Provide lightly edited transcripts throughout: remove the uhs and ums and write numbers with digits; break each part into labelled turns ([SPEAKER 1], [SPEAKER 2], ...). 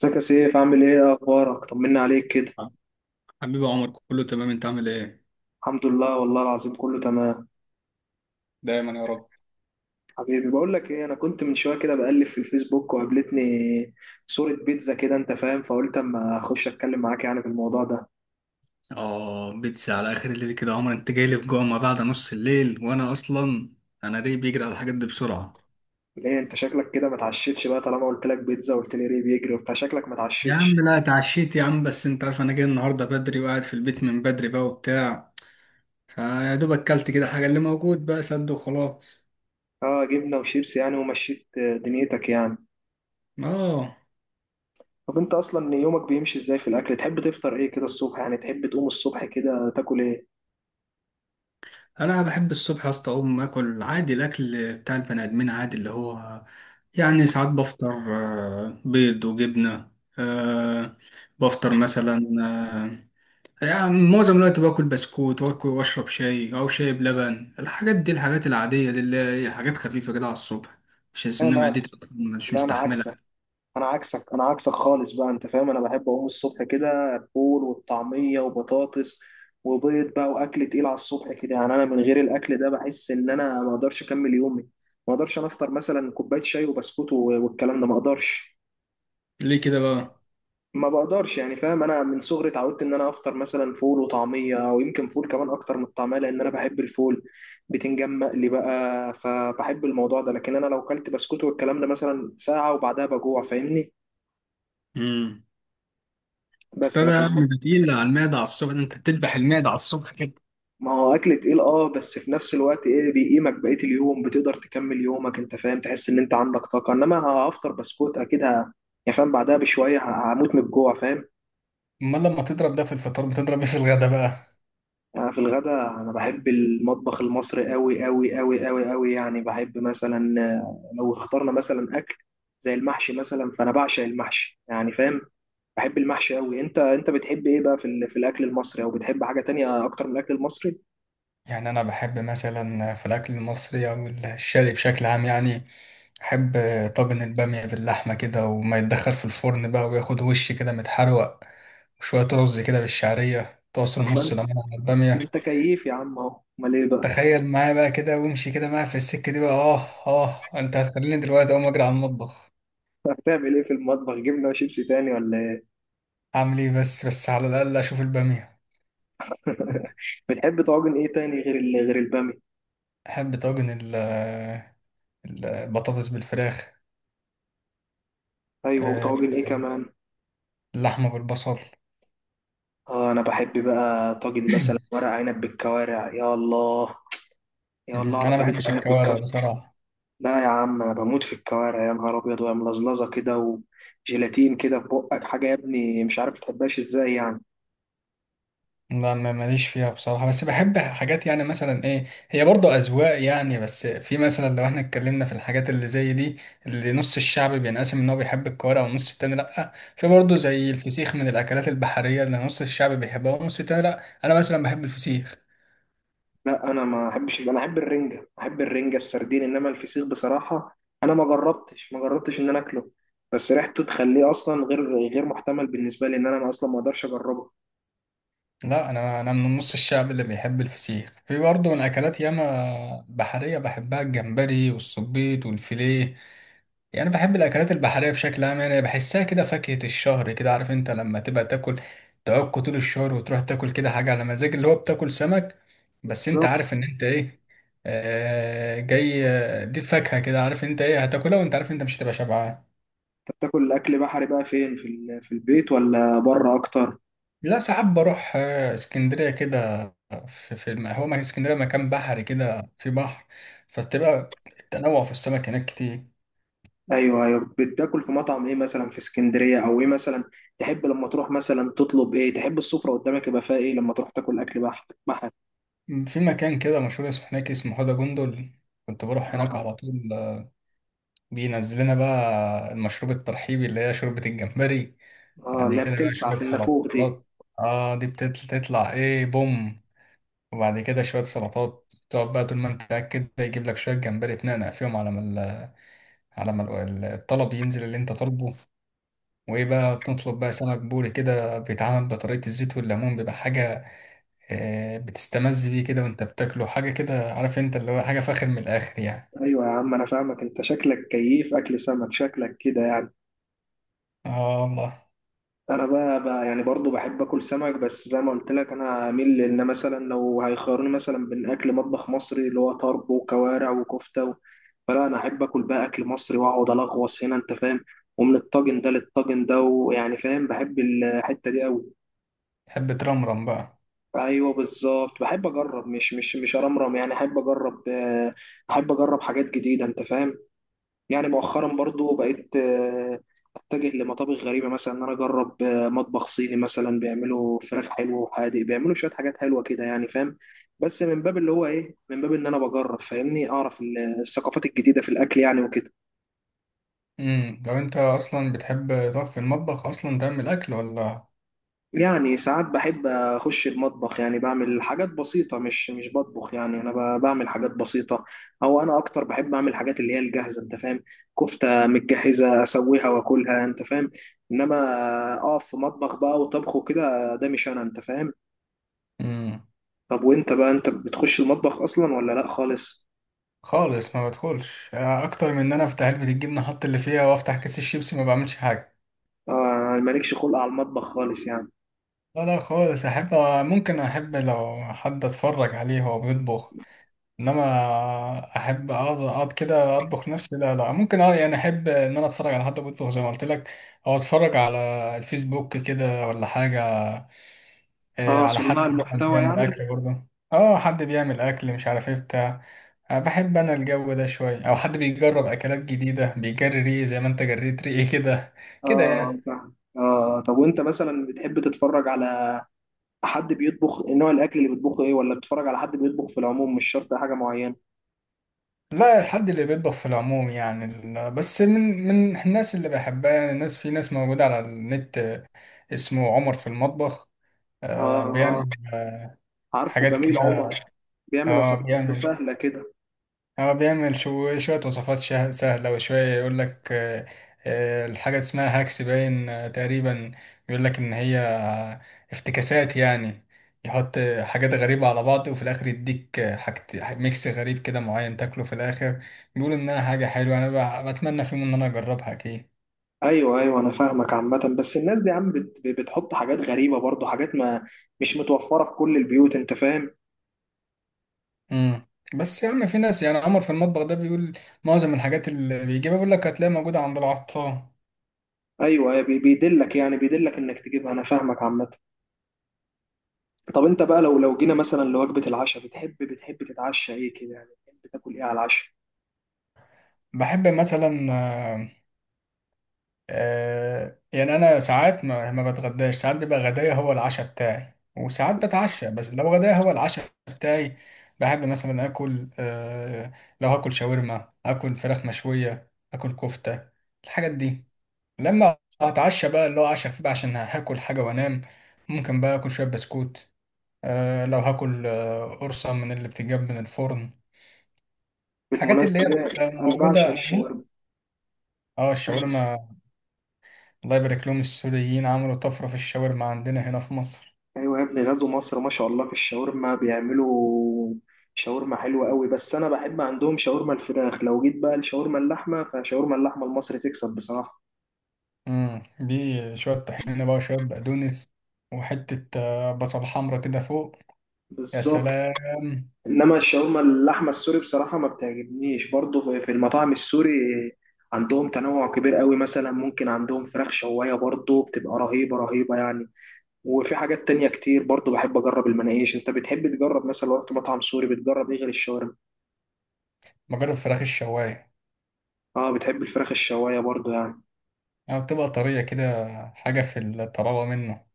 [SPEAKER 1] ازيك يا سيف، عامل ايه؟ إيه اخبارك؟ طمنا عليك كده.
[SPEAKER 2] حبيبي عمر كله تمام، انت عامل ايه؟
[SPEAKER 1] الحمد لله والله العظيم كله تمام.
[SPEAKER 2] دايما يا رب.
[SPEAKER 1] حبيبي بقول لك ايه، انا كنت من شويه كده بقلب في الفيسبوك وقابلتني صوره بيتزا كده، انت فاهم، فقلت اما اخش اتكلم معاك يعني في الموضوع ده.
[SPEAKER 2] اه بيتسي على اخر الليل كده يا عمر، انت جاي لي في جوع ما بعد نص الليل، وانا اصلا انا ريقي بيجري على الحاجات دي بسرعه.
[SPEAKER 1] ليه انت شكلك كده ما اتعشتش بقى؟ طالما قلت لك بيتزا وقلت لي ريه بيجري وبتاع، شكلك ما
[SPEAKER 2] يا
[SPEAKER 1] اتعشتش.
[SPEAKER 2] عم لا اتعشيت يا عم، بس انت عارف انا جاي النهارده بدري وقاعد في البيت من بدري بقى وبتاع، فيا دوب اكلت كده حاجه اللي موجود بقى سد وخلاص.
[SPEAKER 1] اه، جبنه وشيبس يعني ومشيت، دنيتك يعني.
[SPEAKER 2] اه
[SPEAKER 1] طب انت اصلا يومك بيمشي ازاي في الاكل؟ تحب تفطر ايه كده الصبح يعني؟ تحب تقوم الصبح كده تاكل ايه؟
[SPEAKER 2] انا بحب الصبح يا اسطى اقوم اكل عادي، الاكل بتاع البني ادمين عادي اللي هو يعني ساعات بفطر بيض وجبنه، آه، بفطر مثلا يعني معظم الوقت باكل بسكوت واكل واشرب شاي او شاي بلبن، الحاجات دي الحاجات العاديه دي اللي هي حاجات خفيفه كده على الصبح، عشان
[SPEAKER 1] لا،
[SPEAKER 2] سن
[SPEAKER 1] لا.
[SPEAKER 2] معدتي مش
[SPEAKER 1] لا انا عكسك،
[SPEAKER 2] مستحملها.
[SPEAKER 1] انا عكسك، انا عكسك خالص بقى، انت فاهم. انا بحب اقوم الصبح كده الفول والطعميه وبطاطس وبيض بقى، واكل تقيل على الصبح كده يعني. انا من غير الاكل ده بحس ان انا ما اقدرش اكمل يومي. ما اقدرش انا افطر مثلا كوبايه شاي وبسكوت والكلام ده، ما اقدرش.
[SPEAKER 2] ليه كده بقى؟
[SPEAKER 1] ما بقدرش يعني، فاهم، انا من صغري اتعودت ان انا افطر مثلا فول وطعميه او يمكن فول كمان اكتر من الطعميه لان انا بحب الفول بتنجان مقلي بقى، فبحب الموضوع ده. لكن انا لو كلت بسكوت والكلام ده مثلا ساعه وبعدها بجوع، فاهمني.
[SPEAKER 2] امم
[SPEAKER 1] بس
[SPEAKER 2] استاذ يا
[SPEAKER 1] لكن.
[SPEAKER 2] عم، ده تقيل على المعده على الصبح، انت بتذبح المعده على الصبح كده.
[SPEAKER 1] ما هو اكل تقيل، اه، بس في نفس الوقت ايه، بيقيمك بقيه اليوم، بتقدر تكمل يومك، انت فاهم، تحس ان انت عندك طاقه. انما هفطر بسكوت، اكيد، يعني فاهم، بعدها بشويه هموت من الجوع، فاهم.
[SPEAKER 2] امال لما تضرب ده في الفطار بتضرب ايه في الغدا بقى؟
[SPEAKER 1] أنا في الغدا، انا بحب المطبخ المصري قوي قوي قوي قوي قوي يعني. بحب مثلا، لو اخترنا مثلا اكل زي المحشي مثلا، فانا بعشق المحشي يعني، فاهم. بحب المحشي قوي. انت انت بتحب ايه بقى في الاكل المصري؟ او بتحب حاجه تانية اكتر من الاكل المصري؟
[SPEAKER 2] يعني أنا بحب مثلا في الأكل المصري أو الشرقي بشكل عام، يعني أحب طاجن البامية باللحمة كده وما يتدخل في الفرن بقى وياخد وش كده متحروق، وشوية رز كده بالشعرية طاسة
[SPEAKER 1] طب ما
[SPEAKER 2] نص
[SPEAKER 1] انت
[SPEAKER 2] ليمون على
[SPEAKER 1] ما انت
[SPEAKER 2] البامية.
[SPEAKER 1] كيف يا عم اهو، امال ايه بقى؟
[SPEAKER 2] تخيل معايا بقى كده وامشي كده معايا في السكة دي بقى، آه. آه أنت هتخليني دلوقتي أقوم أجري على المطبخ.
[SPEAKER 1] هتعمل ايه في المطبخ؟ جبنه وشيبسي تاني ولا ايه؟
[SPEAKER 2] أعمل إيه، بس على الأقل أشوف البامية.
[SPEAKER 1] بتحب طواجن ايه تاني غير البامي؟
[SPEAKER 2] أحب طاجن البطاطس بالفراخ،
[SPEAKER 1] ايوه،
[SPEAKER 2] آه،
[SPEAKER 1] وطواجن ايه كمان؟
[SPEAKER 2] اللحمة بالبصل.
[SPEAKER 1] اه، انا بحب بقى طاجن مثلا ورق عنب بالكوارع، يا الله. يا الله
[SPEAKER 2] مم.
[SPEAKER 1] على
[SPEAKER 2] انا ما
[SPEAKER 1] طاجن
[SPEAKER 2] بحبش
[SPEAKER 1] عنب
[SPEAKER 2] الكوارع
[SPEAKER 1] بالكوارع!
[SPEAKER 2] بصراحه.
[SPEAKER 1] لا يا عم، انا بموت في الكوارع، يا نهار ابيض، وهي ملزلزه كده وجيلاتين كده في بقك. حاجه يا ابني، مش عارف تحبهاش ازاي يعني.
[SPEAKER 2] لا ماليش فيها بصراحه، بس بحب حاجات يعني مثلا ايه، هي برضه اذواق يعني، بس في مثلا لو احنا اتكلمنا في الحاجات اللي زي دي، اللي نص الشعب بينقسم ان هو بيحب الكوارع والنص التاني لا، في برضه زي الفسيخ من الاكلات البحريه اللي نص الشعب بيحبها والنص التاني لا، انا مثلا بحب الفسيخ.
[SPEAKER 1] لا انا ما احبش، انا احب الرنجه، احب الرنجه السردين، انما الفسيخ بصراحه انا ما جربتش ما جربتش ان انا اكله. بس ريحته تخليه اصلا غير محتمل بالنسبه لي، ان انا اصلا ما اقدرش اجربه.
[SPEAKER 2] لا انا من نص الشعب اللي بيحب الفسيخ، في برضه من اكلات ياما بحريه بحبها الجمبري والصبيط والفيليه، يعني بحب الاكلات البحريه بشكل عام، يعني بحسها كده فاكهه الشهر كده، عارف انت لما تبقى تاكل تعك طول الشهر وتروح تاكل كده حاجه على مزاج اللي هو بتاكل سمك، بس انت
[SPEAKER 1] بالظبط.
[SPEAKER 2] عارف ان انت ايه، آه جاي دي فاكهه كده، عارف انت ايه هتاكلها وانت عارف انت مش هتبقى شبعان.
[SPEAKER 1] انت بتاكل اكل بحري بقى فين، في البيت ولا بره اكتر؟
[SPEAKER 2] لا ساعات بروح اسكندريه كده، في هو ما اسكندريه مكان بحري كده في بحر، فبتبقى التنوع في السمك هناك كتير.
[SPEAKER 1] ايوه ايوه. بتاكل في مطعم ايه مثلا في اسكندريه، او ايه مثلا؟ تحب لما تروح مثلا تطلب ايه؟ تحب السفره قدامك يبقى فيها ايه لما تروح تاكل اكل بحري بحري؟
[SPEAKER 2] في مكان كده مشهور اسمه هناك اسمه حوضة جندل، كنت بروح هناك
[SPEAKER 1] اه.
[SPEAKER 2] على طول. بينزلنا بقى المشروب الترحيبي اللي هي شوربة الجمبري،
[SPEAKER 1] اه،
[SPEAKER 2] بعد
[SPEAKER 1] اللي هي
[SPEAKER 2] كده بقى
[SPEAKER 1] بتلسع
[SPEAKER 2] شوية
[SPEAKER 1] في النافوخ دي.
[SPEAKER 2] سلطات، اه دي بتطلع ايه بوم، وبعد كده شوية سلطات تقعد بقى طول ما انت قاعد كده يجيب لك شوية جمبري تنقنق فيهم على ما ال- على ما ال- الطلب ينزل اللي انت طالبه، وايه بقى بنطلب بقى سمك بوري كده بيتعمل بطريقة الزيت والليمون، بيبقى حاجة بتستمز بيه كده وانت بتاكله حاجة كده، عارف انت اللي هو حاجة فاخر من الآخر يعني.
[SPEAKER 1] ايوه يا عم، انا فاهمك، انت شكلك كيف اكل سمك، شكلك كده يعني.
[SPEAKER 2] اه والله.
[SPEAKER 1] انا بقى يعني برضو بحب اكل سمك، بس زي ما قلت لك، انا اميل لان مثلا لو هيخيروني مثلا بين اكل مطبخ مصري اللي هو طرب وكوارع وكفته و... فلا انا احب اكل بقى اكل مصري واقعد الغوص هنا، انت فاهم. ومن الطاجن ده للطاجن ده، ويعني فاهم، بحب الحته دي قوي.
[SPEAKER 2] تحب ترمرم بقى؟
[SPEAKER 1] ايوه بالظبط، بحب اجرب، مش ارمرم يعني، احب اجرب، احب اجرب حاجات جديده، انت فاهم. يعني مؤخرا برضو بقيت، اتجه لمطابخ غريبه، مثلا ان انا اجرب مطبخ صيني مثلا، بيعملوا فراخ حلوه وحادق، بيعملوا شويه حاجات حلوه كده يعني، فاهم. بس من باب اللي هو ايه، من باب ان انا بجرب، فاهمني، اعرف الثقافات الجديده في الاكل يعني، وكده.
[SPEAKER 2] لو انت اصلا بتحب تقف في المطبخ اصلا تعمل اكل ولا؟
[SPEAKER 1] يعني ساعات بحب اخش المطبخ، يعني بعمل حاجات بسيطه، مش بطبخ يعني، انا بعمل حاجات بسيطه. او انا اكتر بحب اعمل حاجات اللي هي الجاهزه، انت فاهم. كفته متجهزه اسويها واكلها، انت فاهم. انما اقف في مطبخ بقى وطبخ وكده، ده مش انا، انت فاهم.
[SPEAKER 2] امم
[SPEAKER 1] طب وانت بقى، انت بتخش المطبخ اصلا ولا لا خالص؟
[SPEAKER 2] خالص، ما بدخلش اكتر من ان انا افتح علبة الجبنة احط اللي فيها وافتح كيس الشيبسي، ما بعملش حاجة.
[SPEAKER 1] آه، مالكش خلق على المطبخ خالص يعني.
[SPEAKER 2] لا لا خالص احب، ممكن احب لو حد اتفرج عليه وهو بيطبخ، انما احب اقعد كده اطبخ نفسي لا لا ممكن، اه يعني احب ان انا اتفرج على حد بيطبخ زي ما قلت لك، او اتفرج على الفيسبوك كده ولا حاجة،
[SPEAKER 1] اه،
[SPEAKER 2] على حد
[SPEAKER 1] صناع
[SPEAKER 2] مثلاً
[SPEAKER 1] المحتوى
[SPEAKER 2] بيعمل
[SPEAKER 1] يعني.
[SPEAKER 2] أكل برضه. اه حد بيعمل أكل مش عارف ايه بتاع، بحب أنا الجو ده شوية أو حد بيجرب أكلات جديدة بيجري ريقي زي ما أنت جريت ريقي كده، كده
[SPEAKER 1] اه
[SPEAKER 2] يعني.
[SPEAKER 1] فاهم. اه طب وانت مثلا بتحب تتفرج على حد بيطبخ، نوع الاكل اللي بيطبخه ايه؟ ولا بتتفرج على حد بيطبخ في العموم، مش شرط حاجه معينه؟
[SPEAKER 2] لا الحد اللي بيطبخ في العموم، يعني بس من الناس اللي بحبها يعني، الناس في ناس موجودة على النت، اسمه عمر في المطبخ،
[SPEAKER 1] اه.
[SPEAKER 2] بيعمل
[SPEAKER 1] اه، عارفه
[SPEAKER 2] حاجات
[SPEAKER 1] جميل
[SPEAKER 2] كده.
[SPEAKER 1] عمر. بيعمل
[SPEAKER 2] اه
[SPEAKER 1] وصفات
[SPEAKER 2] بيعمل،
[SPEAKER 1] سهله كده.
[SPEAKER 2] هو بيعمل شوية وصفات سهلة، وشوية يقول لك الحاجة اسمها هاكس باين تقريبا، يقول لك إن هي افتكاسات يعني، يحط حاجات غريبة على بعض، وفي الآخر يديك حاجة ميكس غريب كده معين تاكله في الآخر، بيقول إنها حاجة حلوة، أنا بتمنى في يوم إن أنا أجربها أكيد.
[SPEAKER 1] ايوه ايوه، انا فاهمك عامه، بس الناس دي يا عم بتحط حاجات غريبه برضو، حاجات ما مش متوفره في كل البيوت، انت فاهم.
[SPEAKER 2] مم. بس يا عم في ناس يعني عمر في المطبخ ده بيقول معظم الحاجات اللي بيجيبها بيقول لك هتلاقيها موجودة عند العطار.
[SPEAKER 1] ايوه، أيوة، بيدلك يعني، بيدلك انك تجيبها، انا فاهمك عامه. طب انت بقى لو جينا مثلا لوجبه العشاء، بتحب تتعشى ايه كده يعني؟ بتحب تاكل ايه على العشاء؟
[SPEAKER 2] بحب مثلا يعني انا ساعات ما بتغداش، ساعات بيبقى غدايا هو العشاء بتاعي وساعات بتعشى، بس لو غدايا هو العشاء بتاعي بحب مثلا اكل لو هاكل شاورما اكل فراخ مشوية اكل كفتة الحاجات دي، لما اتعشى بقى اللي هو عشاء خفيف عشان هاكل حاجة وانام، ممكن بقى اكل شوية بسكوت، لو هاكل قرصة من اللي بتتجاب من الفرن، الحاجات اللي هي
[SPEAKER 1] بالمناسبه
[SPEAKER 2] بتبقى
[SPEAKER 1] انا بعشق
[SPEAKER 2] موجودة.
[SPEAKER 1] الشاورما.
[SPEAKER 2] اه الشاورما، الله يبارك لهم السوريين عملوا طفرة في الشاورما عندنا هنا في مصر.
[SPEAKER 1] ايوه يا ابني، غزو مصر ما شاء الله في الشاورما، بيعملوا شاورما حلوه قوي. بس انا بحب عندهم شاورما الفراخ، لو جيت بقى لشاورما اللحمه، فشاورما اللحمه المصري تكسب بصراحه.
[SPEAKER 2] امم، دي شوية طحينة بقى وشوية بقدونس، وحتة بصل حمرا كده فوق، يا
[SPEAKER 1] بالظبط.
[SPEAKER 2] سلام.
[SPEAKER 1] انما الشاورما اللحمه السوري بصراحه ما بتعجبنيش. برضو في المطاعم السوري عندهم تنوع كبير قوي، مثلا ممكن عندهم فراخ شوايه برضو بتبقى رهيبه رهيبه يعني. وفي حاجات تانية كتير برضو بحب اجرب المناقيش. انت بتحب تجرب مثلا لو رحت مطعم سوري بتجرب ايه غير الشاورما؟
[SPEAKER 2] مجرد فراخ الشواية،
[SPEAKER 1] اه، بتحب الفراخ الشوايه برضو يعني.
[SPEAKER 2] يعني بتبقى طرية كده، حاجة في الطراوة منه،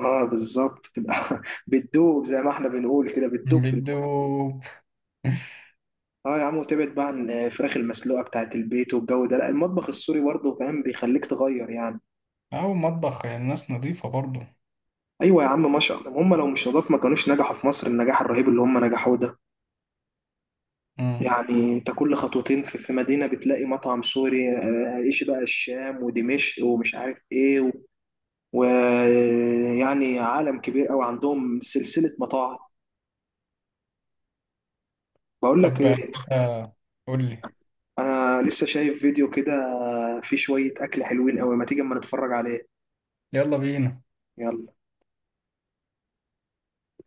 [SPEAKER 1] اه بالظبط، تبقى بتدوب زي ما احنا بنقول كده، بتدوب في البق.
[SPEAKER 2] بيدوب.
[SPEAKER 1] اه يا عم، وتبعد بقى عن الفراخ المسلوقه بتاعت البيت والجو ده. لا، المطبخ السوري برضه، فاهم، بيخليك تغير يعني.
[SPEAKER 2] أو مطبخ يعني ناس نظيفة برضه.
[SPEAKER 1] ايوه يا عم ما شاء الله، هم لو مش نضاف ما كانوش نجحوا في مصر النجاح الرهيب اللي هم نجحوه ده.
[SPEAKER 2] امم.
[SPEAKER 1] يعني انت كل خطوتين في مدينه بتلاقي مطعم سوري، ايش بقى الشام ودمشق ومش عارف ايه، ويعني عالم كبير قوي، عندهم سلسله مطاعم. بقول لك
[SPEAKER 2] طب
[SPEAKER 1] إيه،
[SPEAKER 2] آه، قول لي.
[SPEAKER 1] انا لسه شايف فيديو كده فيه شوية اكل حلوين قوي، ما تيجي اما نتفرج عليه.
[SPEAKER 2] يلا بينا.
[SPEAKER 1] يلا.